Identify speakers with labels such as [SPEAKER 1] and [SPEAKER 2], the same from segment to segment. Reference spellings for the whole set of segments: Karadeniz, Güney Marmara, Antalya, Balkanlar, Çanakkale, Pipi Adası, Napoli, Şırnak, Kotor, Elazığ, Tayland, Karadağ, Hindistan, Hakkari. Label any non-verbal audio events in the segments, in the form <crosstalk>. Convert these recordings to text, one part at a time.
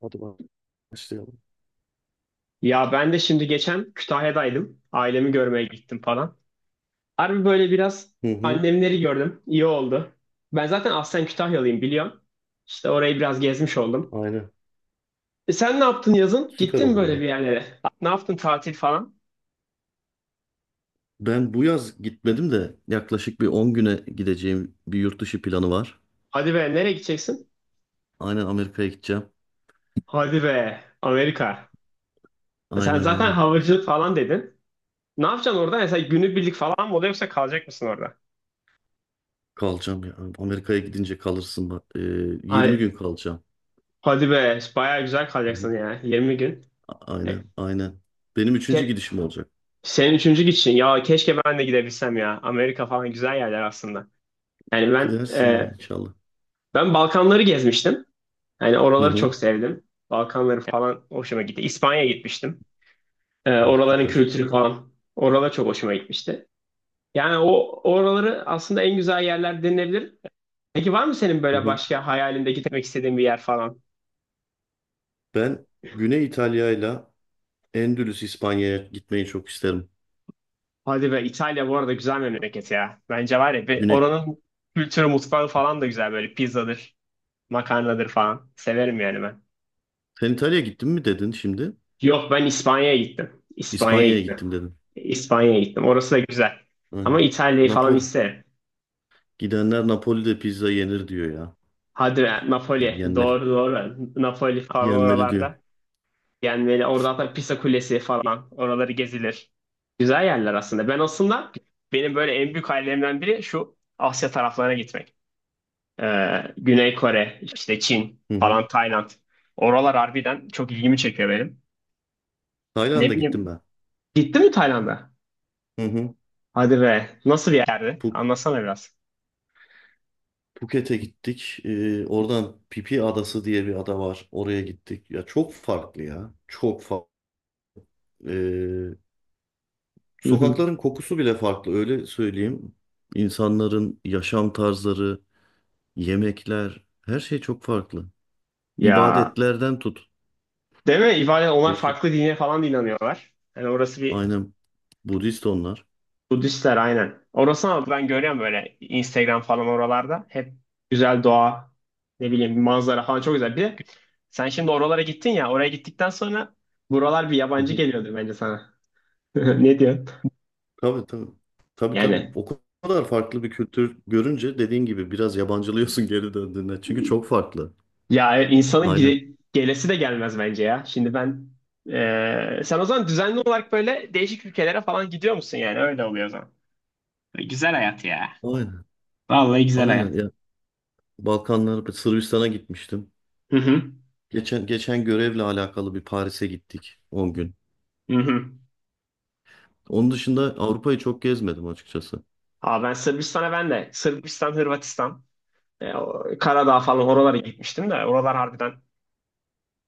[SPEAKER 1] Hadi başlayalım.
[SPEAKER 2] Ya ben de şimdi geçen Kütahya'daydım. Ailemi görmeye gittim falan. Harbi böyle biraz
[SPEAKER 1] Hı hı,
[SPEAKER 2] annemleri gördüm. İyi oldu. Ben zaten aslen Kütahyalıyım biliyorum. İşte orayı biraz gezmiş oldum.
[SPEAKER 1] aynen.
[SPEAKER 2] E sen ne yaptın yazın?
[SPEAKER 1] Süper
[SPEAKER 2] Gittin mi
[SPEAKER 1] olur
[SPEAKER 2] böyle
[SPEAKER 1] ya.
[SPEAKER 2] bir yerlere? Ne yaptın tatil falan?
[SPEAKER 1] Ben bu yaz gitmedim de yaklaşık bir 10 güne gideceğim bir yurt dışı planı var.
[SPEAKER 2] Hadi be nereye gideceksin?
[SPEAKER 1] Aynen Amerika'ya gideceğim.
[SPEAKER 2] Hadi be Amerika. E sen
[SPEAKER 1] Aynen
[SPEAKER 2] zaten
[SPEAKER 1] aynen.
[SPEAKER 2] havacılık falan dedin. Ne yapacaksın orada? Mesela günübirlik falan mı oluyor yoksa kalacak mısın orada?
[SPEAKER 1] Kalacağım ya. Amerika'ya gidince kalırsın bak. 20
[SPEAKER 2] Ay,
[SPEAKER 1] gün kalacağım.
[SPEAKER 2] hadi be bayağı güzel
[SPEAKER 1] Hı hı.
[SPEAKER 2] kalacaksın ya 20 gün. E,
[SPEAKER 1] Aynen aynen. Benim üçüncü
[SPEAKER 2] ke-
[SPEAKER 1] gidişim olacak.
[SPEAKER 2] Senin üçüncü gidişin. Ya keşke ben de gidebilsem ya. Amerika falan güzel yerler aslında. Yani ben
[SPEAKER 1] Gidersin ya
[SPEAKER 2] e,
[SPEAKER 1] inşallah.
[SPEAKER 2] ben Balkanları gezmiştim. Yani
[SPEAKER 1] Hı
[SPEAKER 2] oraları
[SPEAKER 1] hı.
[SPEAKER 2] çok sevdim. Balkanları falan hoşuma gitti. İspanya'ya gitmiştim.
[SPEAKER 1] Oh,
[SPEAKER 2] Oraların
[SPEAKER 1] süper.
[SPEAKER 2] kültürü falan. Oralar çok hoşuma gitmişti. Yani o oraları aslında en güzel yerler denilebilir. Peki var mı senin
[SPEAKER 1] Hı
[SPEAKER 2] böyle
[SPEAKER 1] hı.
[SPEAKER 2] başka hayalinde gitmek istediğin bir yer falan?
[SPEAKER 1] Ben Güney İtalya'yla Endülüs İspanya'ya gitmeyi çok isterim.
[SPEAKER 2] Hadi be İtalya bu arada güzel memleket ya. Bence var ya bir
[SPEAKER 1] Güney.
[SPEAKER 2] oranın kültürü mutfağı falan da güzel böyle pizzadır, makarnadır falan. Severim yani ben.
[SPEAKER 1] Sen İtalya'ya gittin mi dedin şimdi?
[SPEAKER 2] Yok ben İspanya'ya gittim. İspanya'ya
[SPEAKER 1] İspanya'ya
[SPEAKER 2] gittim.
[SPEAKER 1] gittim dedim.
[SPEAKER 2] İspanya'ya gittim. Orası da güzel. Ama
[SPEAKER 1] Aynen.
[SPEAKER 2] İtalya'yı falan
[SPEAKER 1] Napoli.
[SPEAKER 2] isterim.
[SPEAKER 1] Gidenler Napoli'de pizza yenir diyor ya.
[SPEAKER 2] Hadi be,
[SPEAKER 1] Yani
[SPEAKER 2] Napoli.
[SPEAKER 1] yenmeli.
[SPEAKER 2] Doğru doğru. Napoli falan
[SPEAKER 1] Yenmeli diyor.
[SPEAKER 2] oralarda. Yani böyle orada hatta Pisa Kulesi falan. Oraları gezilir. Güzel yerler aslında. Benim böyle en büyük hayallerimden biri şu Asya taraflarına gitmek. Güney Kore, işte Çin
[SPEAKER 1] Hı hı.
[SPEAKER 2] falan Tayland. Oralar harbiden çok ilgimi çekiyor benim. Ne
[SPEAKER 1] Tayland'a gittim
[SPEAKER 2] bileyim.
[SPEAKER 1] ben.
[SPEAKER 2] Gittin mi Tayland'a?
[SPEAKER 1] Hı hı.
[SPEAKER 2] Hadi be. Nasıl bir yerdi?
[SPEAKER 1] Phu-
[SPEAKER 2] Anlatsana biraz.
[SPEAKER 1] Phuket'e gittik. Oradan Pipi Adası diye bir ada var. Oraya gittik. Ya çok farklı ya. Çok farklı.
[SPEAKER 2] Hı hı.
[SPEAKER 1] Sokakların kokusu bile farklı. Öyle söyleyeyim. İnsanların yaşam tarzları, yemekler, her şey çok farklı.
[SPEAKER 2] Ya,
[SPEAKER 1] İbadetlerden tut.
[SPEAKER 2] değil mi? Onlar
[SPEAKER 1] Değişik.
[SPEAKER 2] farklı dine falan da inanıyorlar. Yani orası bir.
[SPEAKER 1] Aynen. Budist onlar.
[SPEAKER 2] Budistler aynen. Orası ama ben görüyorum böyle Instagram falan oralarda. Hep güzel doğa, ne bileyim manzara falan çok güzel. Bir de sen şimdi oralara gittin ya, oraya gittikten sonra buralar bir yabancı geliyordur bence sana. <laughs> Ne diyorsun?
[SPEAKER 1] Tabii tabii. Tabii tabii.
[SPEAKER 2] Yani
[SPEAKER 1] O kadar farklı bir kültür görünce dediğin gibi biraz yabancılıyorsun <laughs> geri döndüğünde. Çünkü çok farklı.
[SPEAKER 2] ya insanın
[SPEAKER 1] Aynen.
[SPEAKER 2] gelesi de gelmez bence ya. Şimdi ben Sen o zaman düzenli olarak böyle değişik ülkelere falan gidiyor musun yani? Öyle oluyor o zaman. Güzel hayat ya.
[SPEAKER 1] Aynen.
[SPEAKER 2] Vallahi güzel
[SPEAKER 1] Aynen.
[SPEAKER 2] hayat.
[SPEAKER 1] Ya Balkanlar, Sırbistan'a gitmiştim.
[SPEAKER 2] Hı hı.
[SPEAKER 1] Geçen görevle alakalı bir Paris'e gittik 10 gün.
[SPEAKER 2] Hı hı.
[SPEAKER 1] Onun dışında Avrupa'yı çok gezmedim açıkçası.
[SPEAKER 2] Aa, ben Sırbistan'a Ben de Sırbistan, Hırvatistan, Karadağ falan oralara gitmiştim de oralar harbiden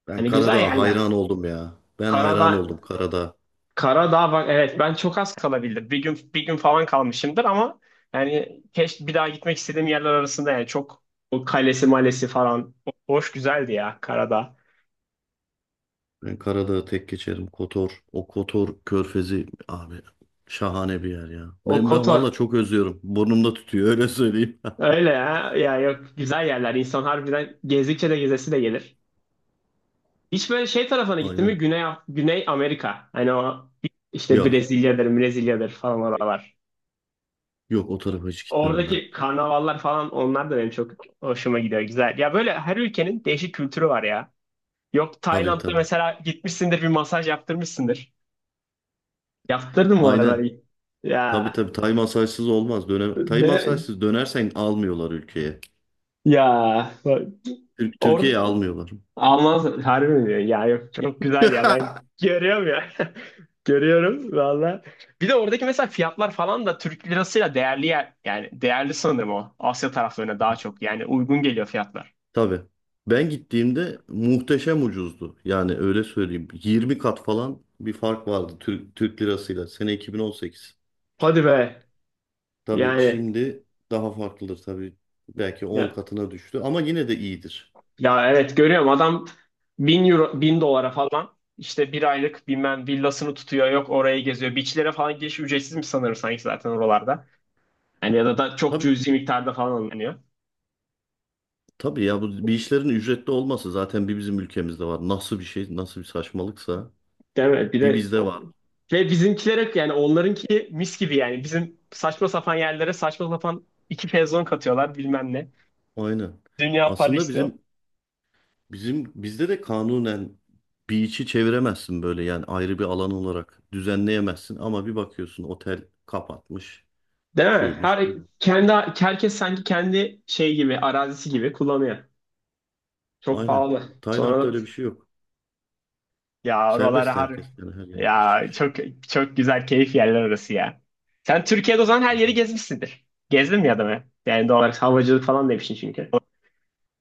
[SPEAKER 1] Ben
[SPEAKER 2] hani güzel
[SPEAKER 1] Karadağ'a
[SPEAKER 2] yerler.
[SPEAKER 1] hayran oldum ya. Ben hayran
[SPEAKER 2] Karadağ,
[SPEAKER 1] oldum Karadağ.
[SPEAKER 2] Karadağ bak evet ben çok az kalabildim. Bir gün bir gün falan kalmışımdır ama yani keşke bir daha gitmek istediğim yerler arasında yani çok o kalesi malesi falan hoş güzeldi ya Karadağ.
[SPEAKER 1] Ben Karadağ'ı tek geçerim. Kotor, o Kotor körfezi abi şahane bir yer ya.
[SPEAKER 2] O
[SPEAKER 1] Ben
[SPEAKER 2] Kotor
[SPEAKER 1] valla çok özlüyorum. Burnumda tutuyor öyle söyleyeyim. <laughs>
[SPEAKER 2] öyle ya, ya yok güzel yerler insan harbiden gezdikçe de gezesi de gelir. Hiç böyle şey tarafına gittin mi?
[SPEAKER 1] Aynen.
[SPEAKER 2] Güney, Güney Amerika. Hani o işte
[SPEAKER 1] Yok.
[SPEAKER 2] Brezilya'dır, Brezilya'dır falan oralar.
[SPEAKER 1] Yok o tarafa hiç gitmedim ben.
[SPEAKER 2] Oradaki karnavallar falan onlar da benim çok hoşuma gidiyor. Güzel. Ya böyle her ülkenin değişik kültürü var ya. Yok
[SPEAKER 1] Tabii
[SPEAKER 2] Tayland'da
[SPEAKER 1] tabii.
[SPEAKER 2] mesela gitmişsindir bir masaj yaptırmışsındır. Yaptırdın mı
[SPEAKER 1] Aynen.
[SPEAKER 2] oraları?
[SPEAKER 1] Tabii
[SPEAKER 2] Ya.
[SPEAKER 1] tabii. Tay masajsız olmaz. Döne Tay
[SPEAKER 2] De,
[SPEAKER 1] masajsız dönersen almıyorlar ülkeye.
[SPEAKER 2] ya. Bak, orada
[SPEAKER 1] Türkiye'ye almıyorlar.
[SPEAKER 2] almaz harbi mi diyor? Ya yok çok güzel ya
[SPEAKER 1] <laughs>
[SPEAKER 2] ben görüyorum ya. <laughs> Görüyorum valla. Bir de oradaki mesela fiyatlar falan da Türk lirasıyla değerli yer, yani değerli sanırım o. Asya taraflarına daha çok yani uygun geliyor fiyatlar.
[SPEAKER 1] Tabii. Ben gittiğimde muhteşem ucuzdu. Yani öyle söyleyeyim. 20 kat falan bir fark vardı Türk lirasıyla. Sene 2018.
[SPEAKER 2] Hadi be.
[SPEAKER 1] Tabii
[SPEAKER 2] Yani
[SPEAKER 1] şimdi daha farklıdır tabii. Belki 10
[SPEAKER 2] ya,
[SPEAKER 1] katına düştü ama yine de iyidir.
[SPEAKER 2] ya evet görüyorum adam bin euro bin dolara falan işte bir aylık bilmem villasını tutuyor yok orayı geziyor. Beachlere falan giriş ücretsizmiş sanırım sanki zaten oralarda. Yani ya da çok
[SPEAKER 1] Tabii
[SPEAKER 2] cüzi miktarda falan alınıyor.
[SPEAKER 1] tabii ya bu bir işlerin ücretli olması zaten bir bizim ülkemizde var. Nasıl bir şey, nasıl bir saçmalıksa
[SPEAKER 2] Değil mi? Bir
[SPEAKER 1] bir
[SPEAKER 2] de
[SPEAKER 1] bizde var.
[SPEAKER 2] ve bizimkiler hep yani onlarınki mis gibi yani bizim saçma sapan yerlere saçma sapan iki pezon katıyorlar bilmem ne.
[SPEAKER 1] Aynen.
[SPEAKER 2] Dünya para
[SPEAKER 1] Aslında
[SPEAKER 2] istiyor.
[SPEAKER 1] bizim bizde de kanunen bir içi çeviremezsin böyle yani ayrı bir alan olarak düzenleyemezsin ama bir bakıyorsun otel kapatmış,
[SPEAKER 2] Değil mi?
[SPEAKER 1] şuymuş, buymuş.
[SPEAKER 2] Kendi Herkes sanki kendi şey gibi arazisi gibi kullanıyor. Çok
[SPEAKER 1] Aynen.
[SPEAKER 2] pahalı.
[SPEAKER 1] Tayland'da
[SPEAKER 2] Sonra
[SPEAKER 1] öyle bir şey yok.
[SPEAKER 2] ya oralara
[SPEAKER 1] Serbest
[SPEAKER 2] harbi.
[SPEAKER 1] herkes yani her yere giriş
[SPEAKER 2] Ya
[SPEAKER 1] çıkış.
[SPEAKER 2] çok çok güzel keyif yerler orası ya. Sen Türkiye'de o zaman
[SPEAKER 1] Hı
[SPEAKER 2] her
[SPEAKER 1] hı.
[SPEAKER 2] yeri gezmişsindir. Gezdin mi ya da be? Yani doğal olarak havacılık falan demişsin çünkü. <laughs>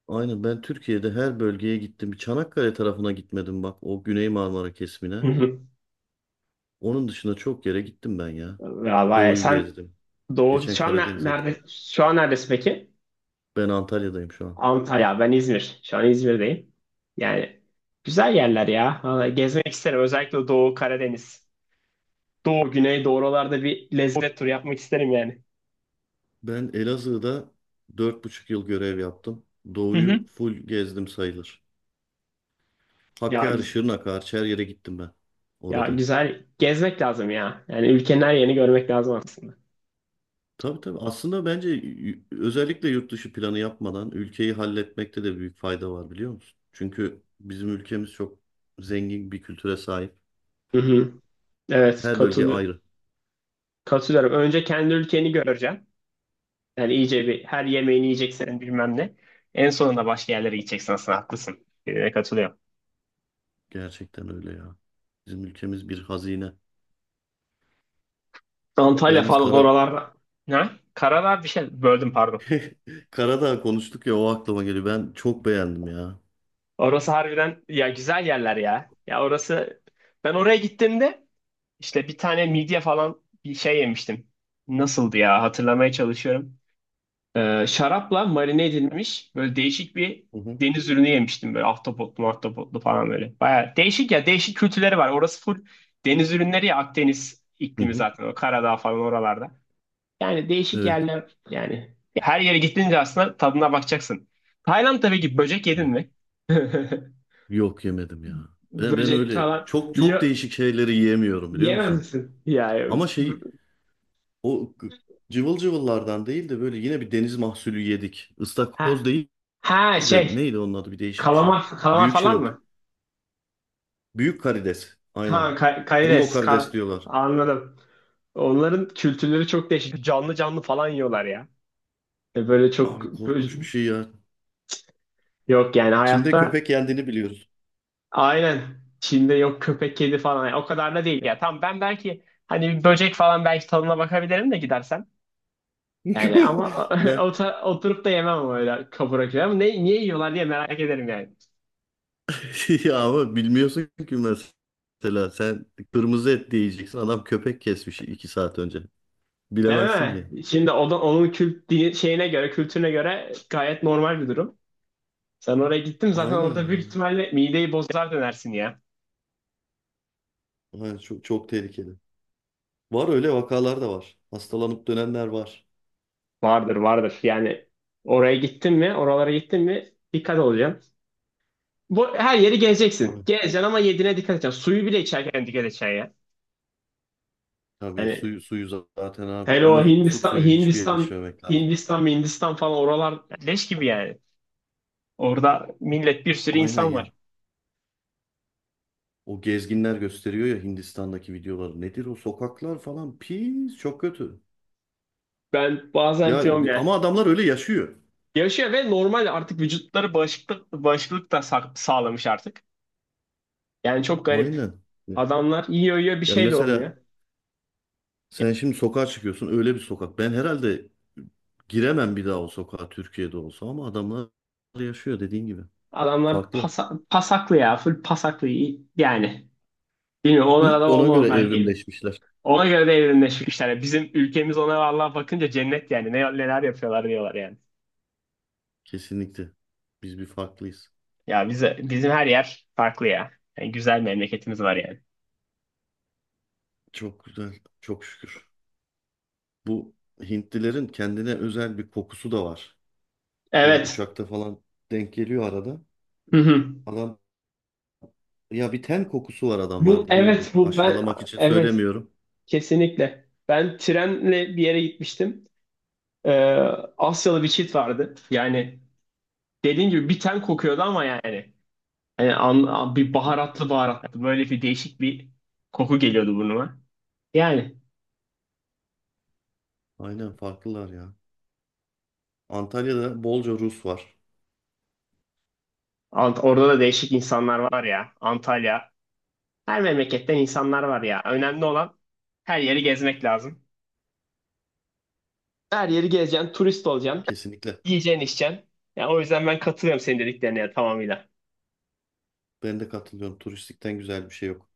[SPEAKER 1] Aynen ben Türkiye'de her bölgeye gittim. Bir Çanakkale tarafına gitmedim bak o Güney Marmara kesimine.
[SPEAKER 2] Hı.
[SPEAKER 1] Onun dışında çok yere gittim ben ya.
[SPEAKER 2] Ya vay,
[SPEAKER 1] Doğu'yu
[SPEAKER 2] sen
[SPEAKER 1] gezdim.
[SPEAKER 2] Doğu
[SPEAKER 1] Geçen
[SPEAKER 2] şu an
[SPEAKER 1] Karadeniz'e gittik.
[SPEAKER 2] nerede şu an neredesin peki?
[SPEAKER 1] Ben Antalya'dayım şu an.
[SPEAKER 2] Antalya. Ben İzmir. Şu an İzmir'deyim. Yani güzel yerler ya. Vallahi gezmek isterim. Özellikle Doğu Karadeniz. Doğu, Güney, doğu oralarda bir lezzet turu yapmak isterim yani.
[SPEAKER 1] Ben Elazığ'da 4,5 yıl görev yaptım.
[SPEAKER 2] Hı hı.
[SPEAKER 1] Doğu'yu full gezdim sayılır.
[SPEAKER 2] Ya,
[SPEAKER 1] Hakkari, Şırnak hariç her yere gittim ben
[SPEAKER 2] ya
[SPEAKER 1] orada.
[SPEAKER 2] güzel gezmek lazım ya. Yani ülkenin her yerini görmek lazım aslında.
[SPEAKER 1] Tabii tabii. Aslında bence özellikle yurt dışı planı yapmadan ülkeyi halletmekte de büyük fayda var biliyor musun? Çünkü bizim ülkemiz çok zengin bir kültüre sahip.
[SPEAKER 2] Hı hı. Evet
[SPEAKER 1] Her bölge
[SPEAKER 2] katıl
[SPEAKER 1] ayrı.
[SPEAKER 2] katılıyorum. Önce kendi ülkeni göreceksin. Yani iyice bir her yemeğini yiyeceksin bilmem ne. En sonunda başka yerlere gideceksin aslında haklısın. Katılıyorum.
[SPEAKER 1] Gerçekten öyle ya. Bizim ülkemiz bir hazine.
[SPEAKER 2] Antalya
[SPEAKER 1] Yalnız
[SPEAKER 2] falan
[SPEAKER 1] kara,
[SPEAKER 2] oralarda. Ne? Karadağ bir şey böldüm pardon.
[SPEAKER 1] <laughs> Karadağ konuştuk ya o aklıma geliyor. Ben çok beğendim ya.
[SPEAKER 2] Orası harbiden ya güzel yerler ya. Ya orası ben oraya gittiğimde işte bir tane midye falan bir şey yemiştim. Nasıldı ya hatırlamaya çalışıyorum. Şarapla marine edilmiş böyle değişik bir
[SPEAKER 1] Hı hı.
[SPEAKER 2] deniz ürünü yemiştim böyle ahtapotlu falan böyle. Baya değişik ya değişik kültürleri var. Orası full deniz ürünleri ya Akdeniz
[SPEAKER 1] Hı
[SPEAKER 2] iklimi
[SPEAKER 1] hı.
[SPEAKER 2] zaten o Karadağ falan oralarda. Yani değişik
[SPEAKER 1] Evet
[SPEAKER 2] yerler yani. Her yere gittiğince aslında tadına bakacaksın. Tayland'da peki böcek yedin
[SPEAKER 1] tabii.
[SPEAKER 2] mi? <laughs>
[SPEAKER 1] Yok yemedim ya. Ben
[SPEAKER 2] Böcek
[SPEAKER 1] öyle
[SPEAKER 2] falan.
[SPEAKER 1] çok çok
[SPEAKER 2] Yo,
[SPEAKER 1] değişik şeyleri yiyemiyorum biliyor
[SPEAKER 2] yemez
[SPEAKER 1] musun?
[SPEAKER 2] misin? Ya, ya.
[SPEAKER 1] Ama şey o g- cıvıl cıvıllardan değil de böyle yine bir deniz mahsulü yedik. Istakoz
[SPEAKER 2] Ha,
[SPEAKER 1] değil
[SPEAKER 2] ha
[SPEAKER 1] de
[SPEAKER 2] şey
[SPEAKER 1] neydi onun adı bir değişik bir şey.
[SPEAKER 2] kalamar
[SPEAKER 1] Büyük
[SPEAKER 2] falan
[SPEAKER 1] şirimp.
[SPEAKER 2] mı?
[SPEAKER 1] Büyük karides.
[SPEAKER 2] Ha,
[SPEAKER 1] Aynen. Jumbo
[SPEAKER 2] karides,
[SPEAKER 1] karides diyorlar.
[SPEAKER 2] anladım. Onların kültürleri çok değişik. Canlı canlı falan yiyorlar ya. Böyle çok
[SPEAKER 1] Abi korkunç bir şey ya.
[SPEAKER 2] yok yani
[SPEAKER 1] Çin'de
[SPEAKER 2] hayatta.
[SPEAKER 1] köpek yendiğini biliyoruz.
[SPEAKER 2] Aynen. Çin'de yok köpek kedi falan. Yani o kadar da değil ya. Tamam ben belki hani bir böcek falan belki tadına bakabilirim de gidersem. Yani ama
[SPEAKER 1] <laughs>
[SPEAKER 2] <laughs>
[SPEAKER 1] Ya
[SPEAKER 2] oturup da yemem ama öyle kapora gibi. Ama ne, niye yiyorlar diye merak ederim yani.
[SPEAKER 1] <laughs> ya ama bilmiyorsun ki mesela sen kırmızı et diyeceksin adam köpek kesmiş 2 saat önce.
[SPEAKER 2] Değil
[SPEAKER 1] Bilemezsin
[SPEAKER 2] mi?
[SPEAKER 1] ki.
[SPEAKER 2] Şimdi o da, onun şeyine göre, kültürüne göre gayet normal bir durum. Sen oraya gittin zaten
[SPEAKER 1] Aynen
[SPEAKER 2] orada
[SPEAKER 1] ya.
[SPEAKER 2] büyük ihtimalle mideyi bozar dönersin ya.
[SPEAKER 1] Aynen, çok, çok tehlikeli. Var öyle vakalar da var. Hastalanıp dönenler var.
[SPEAKER 2] Vardır vardır. Yani oraya gittin mi, oralara gittin mi dikkat olacaksın. Bu her yeri gezeceksin.
[SPEAKER 1] Tabii.
[SPEAKER 2] Gezeceksin ama yediğine dikkat edeceksin. Suyu bile içerken dikkat edeceksin ya.
[SPEAKER 1] Tabii
[SPEAKER 2] Hani
[SPEAKER 1] suyu, suyu zaten abi.
[SPEAKER 2] hele o
[SPEAKER 1] Musluk
[SPEAKER 2] Hindistan,
[SPEAKER 1] suyu hiçbir yere
[SPEAKER 2] Hindistan,
[SPEAKER 1] içmemek lazım.
[SPEAKER 2] Hindistan, Hindistan falan oralar leş gibi yani. Orada millet bir sürü
[SPEAKER 1] Aynen
[SPEAKER 2] insan
[SPEAKER 1] ya.
[SPEAKER 2] var.
[SPEAKER 1] O gezginler gösteriyor ya Hindistan'daki videoları. Nedir o sokaklar falan pis çok kötü.
[SPEAKER 2] Ben bazen
[SPEAKER 1] Ya
[SPEAKER 2] diyorum
[SPEAKER 1] ama
[SPEAKER 2] ya.
[SPEAKER 1] adamlar öyle yaşıyor.
[SPEAKER 2] Yaşıyor ve normal artık vücutları bağışıklık da sağlamış artık. Yani çok garip.
[SPEAKER 1] Aynen.
[SPEAKER 2] Adamlar yiyor yiyor bir
[SPEAKER 1] Yani
[SPEAKER 2] şey de
[SPEAKER 1] mesela
[SPEAKER 2] olmuyor.
[SPEAKER 1] sen şimdi sokağa çıkıyorsun öyle bir sokak. Ben herhalde giremem bir daha o sokağa Türkiye'de olsa ama adamlar yaşıyor dediğin gibi.
[SPEAKER 2] Adamlar
[SPEAKER 1] Farklı.
[SPEAKER 2] pasaklı ya. Full pasaklı. Yani bilmiyorum onlara
[SPEAKER 1] <laughs>
[SPEAKER 2] da
[SPEAKER 1] Ona
[SPEAKER 2] o
[SPEAKER 1] göre
[SPEAKER 2] normal geliyor.
[SPEAKER 1] evrimleşmişler.
[SPEAKER 2] Ona göre de evrimleşmişler. Yani bizim ülkemiz ona vallahi bakınca cennet yani. Ne, neler yapıyorlar diyorlar yani.
[SPEAKER 1] Kesinlikle. Biz bir farklıyız.
[SPEAKER 2] Ya bize, bizim her yer farklı ya. Yani güzel memleketimiz var yani.
[SPEAKER 1] Çok güzel. Çok şükür. Bu Hintlilerin kendine özel bir kokusu da var. Böyle
[SPEAKER 2] Evet.
[SPEAKER 1] uçakta falan denk geliyor arada.
[SPEAKER 2] Hı hı.
[SPEAKER 1] Adam ya bir ten kokusu var
[SPEAKER 2] Bu
[SPEAKER 1] adamlarda değil
[SPEAKER 2] evet
[SPEAKER 1] bu.
[SPEAKER 2] bu ben
[SPEAKER 1] Aşağılamak için
[SPEAKER 2] evet
[SPEAKER 1] söylemiyorum.
[SPEAKER 2] kesinlikle. Ben trenle bir yere gitmiştim. Ee, Asyalı bir çift vardı. Yani dediğin gibi bir ten kokuyordu ama yani. Hani bir baharatlı böyle bir değişik bir koku geliyordu burnuma. Yani
[SPEAKER 1] Aynen farklılar ya. Antalya'da bolca Rus var.
[SPEAKER 2] Orada da değişik insanlar var ya. Antalya. Her memleketten insanlar var ya. Önemli olan her yeri gezmek lazım. Her yeri gezeceksin, turist olacaksın,
[SPEAKER 1] Kesinlikle.
[SPEAKER 2] yiyeceksin, içeceksin. Ya o yüzden ben katılıyorum senin dediklerine ya, tamamıyla.
[SPEAKER 1] Ben de katılıyorum. Turistikten güzel bir şey yok.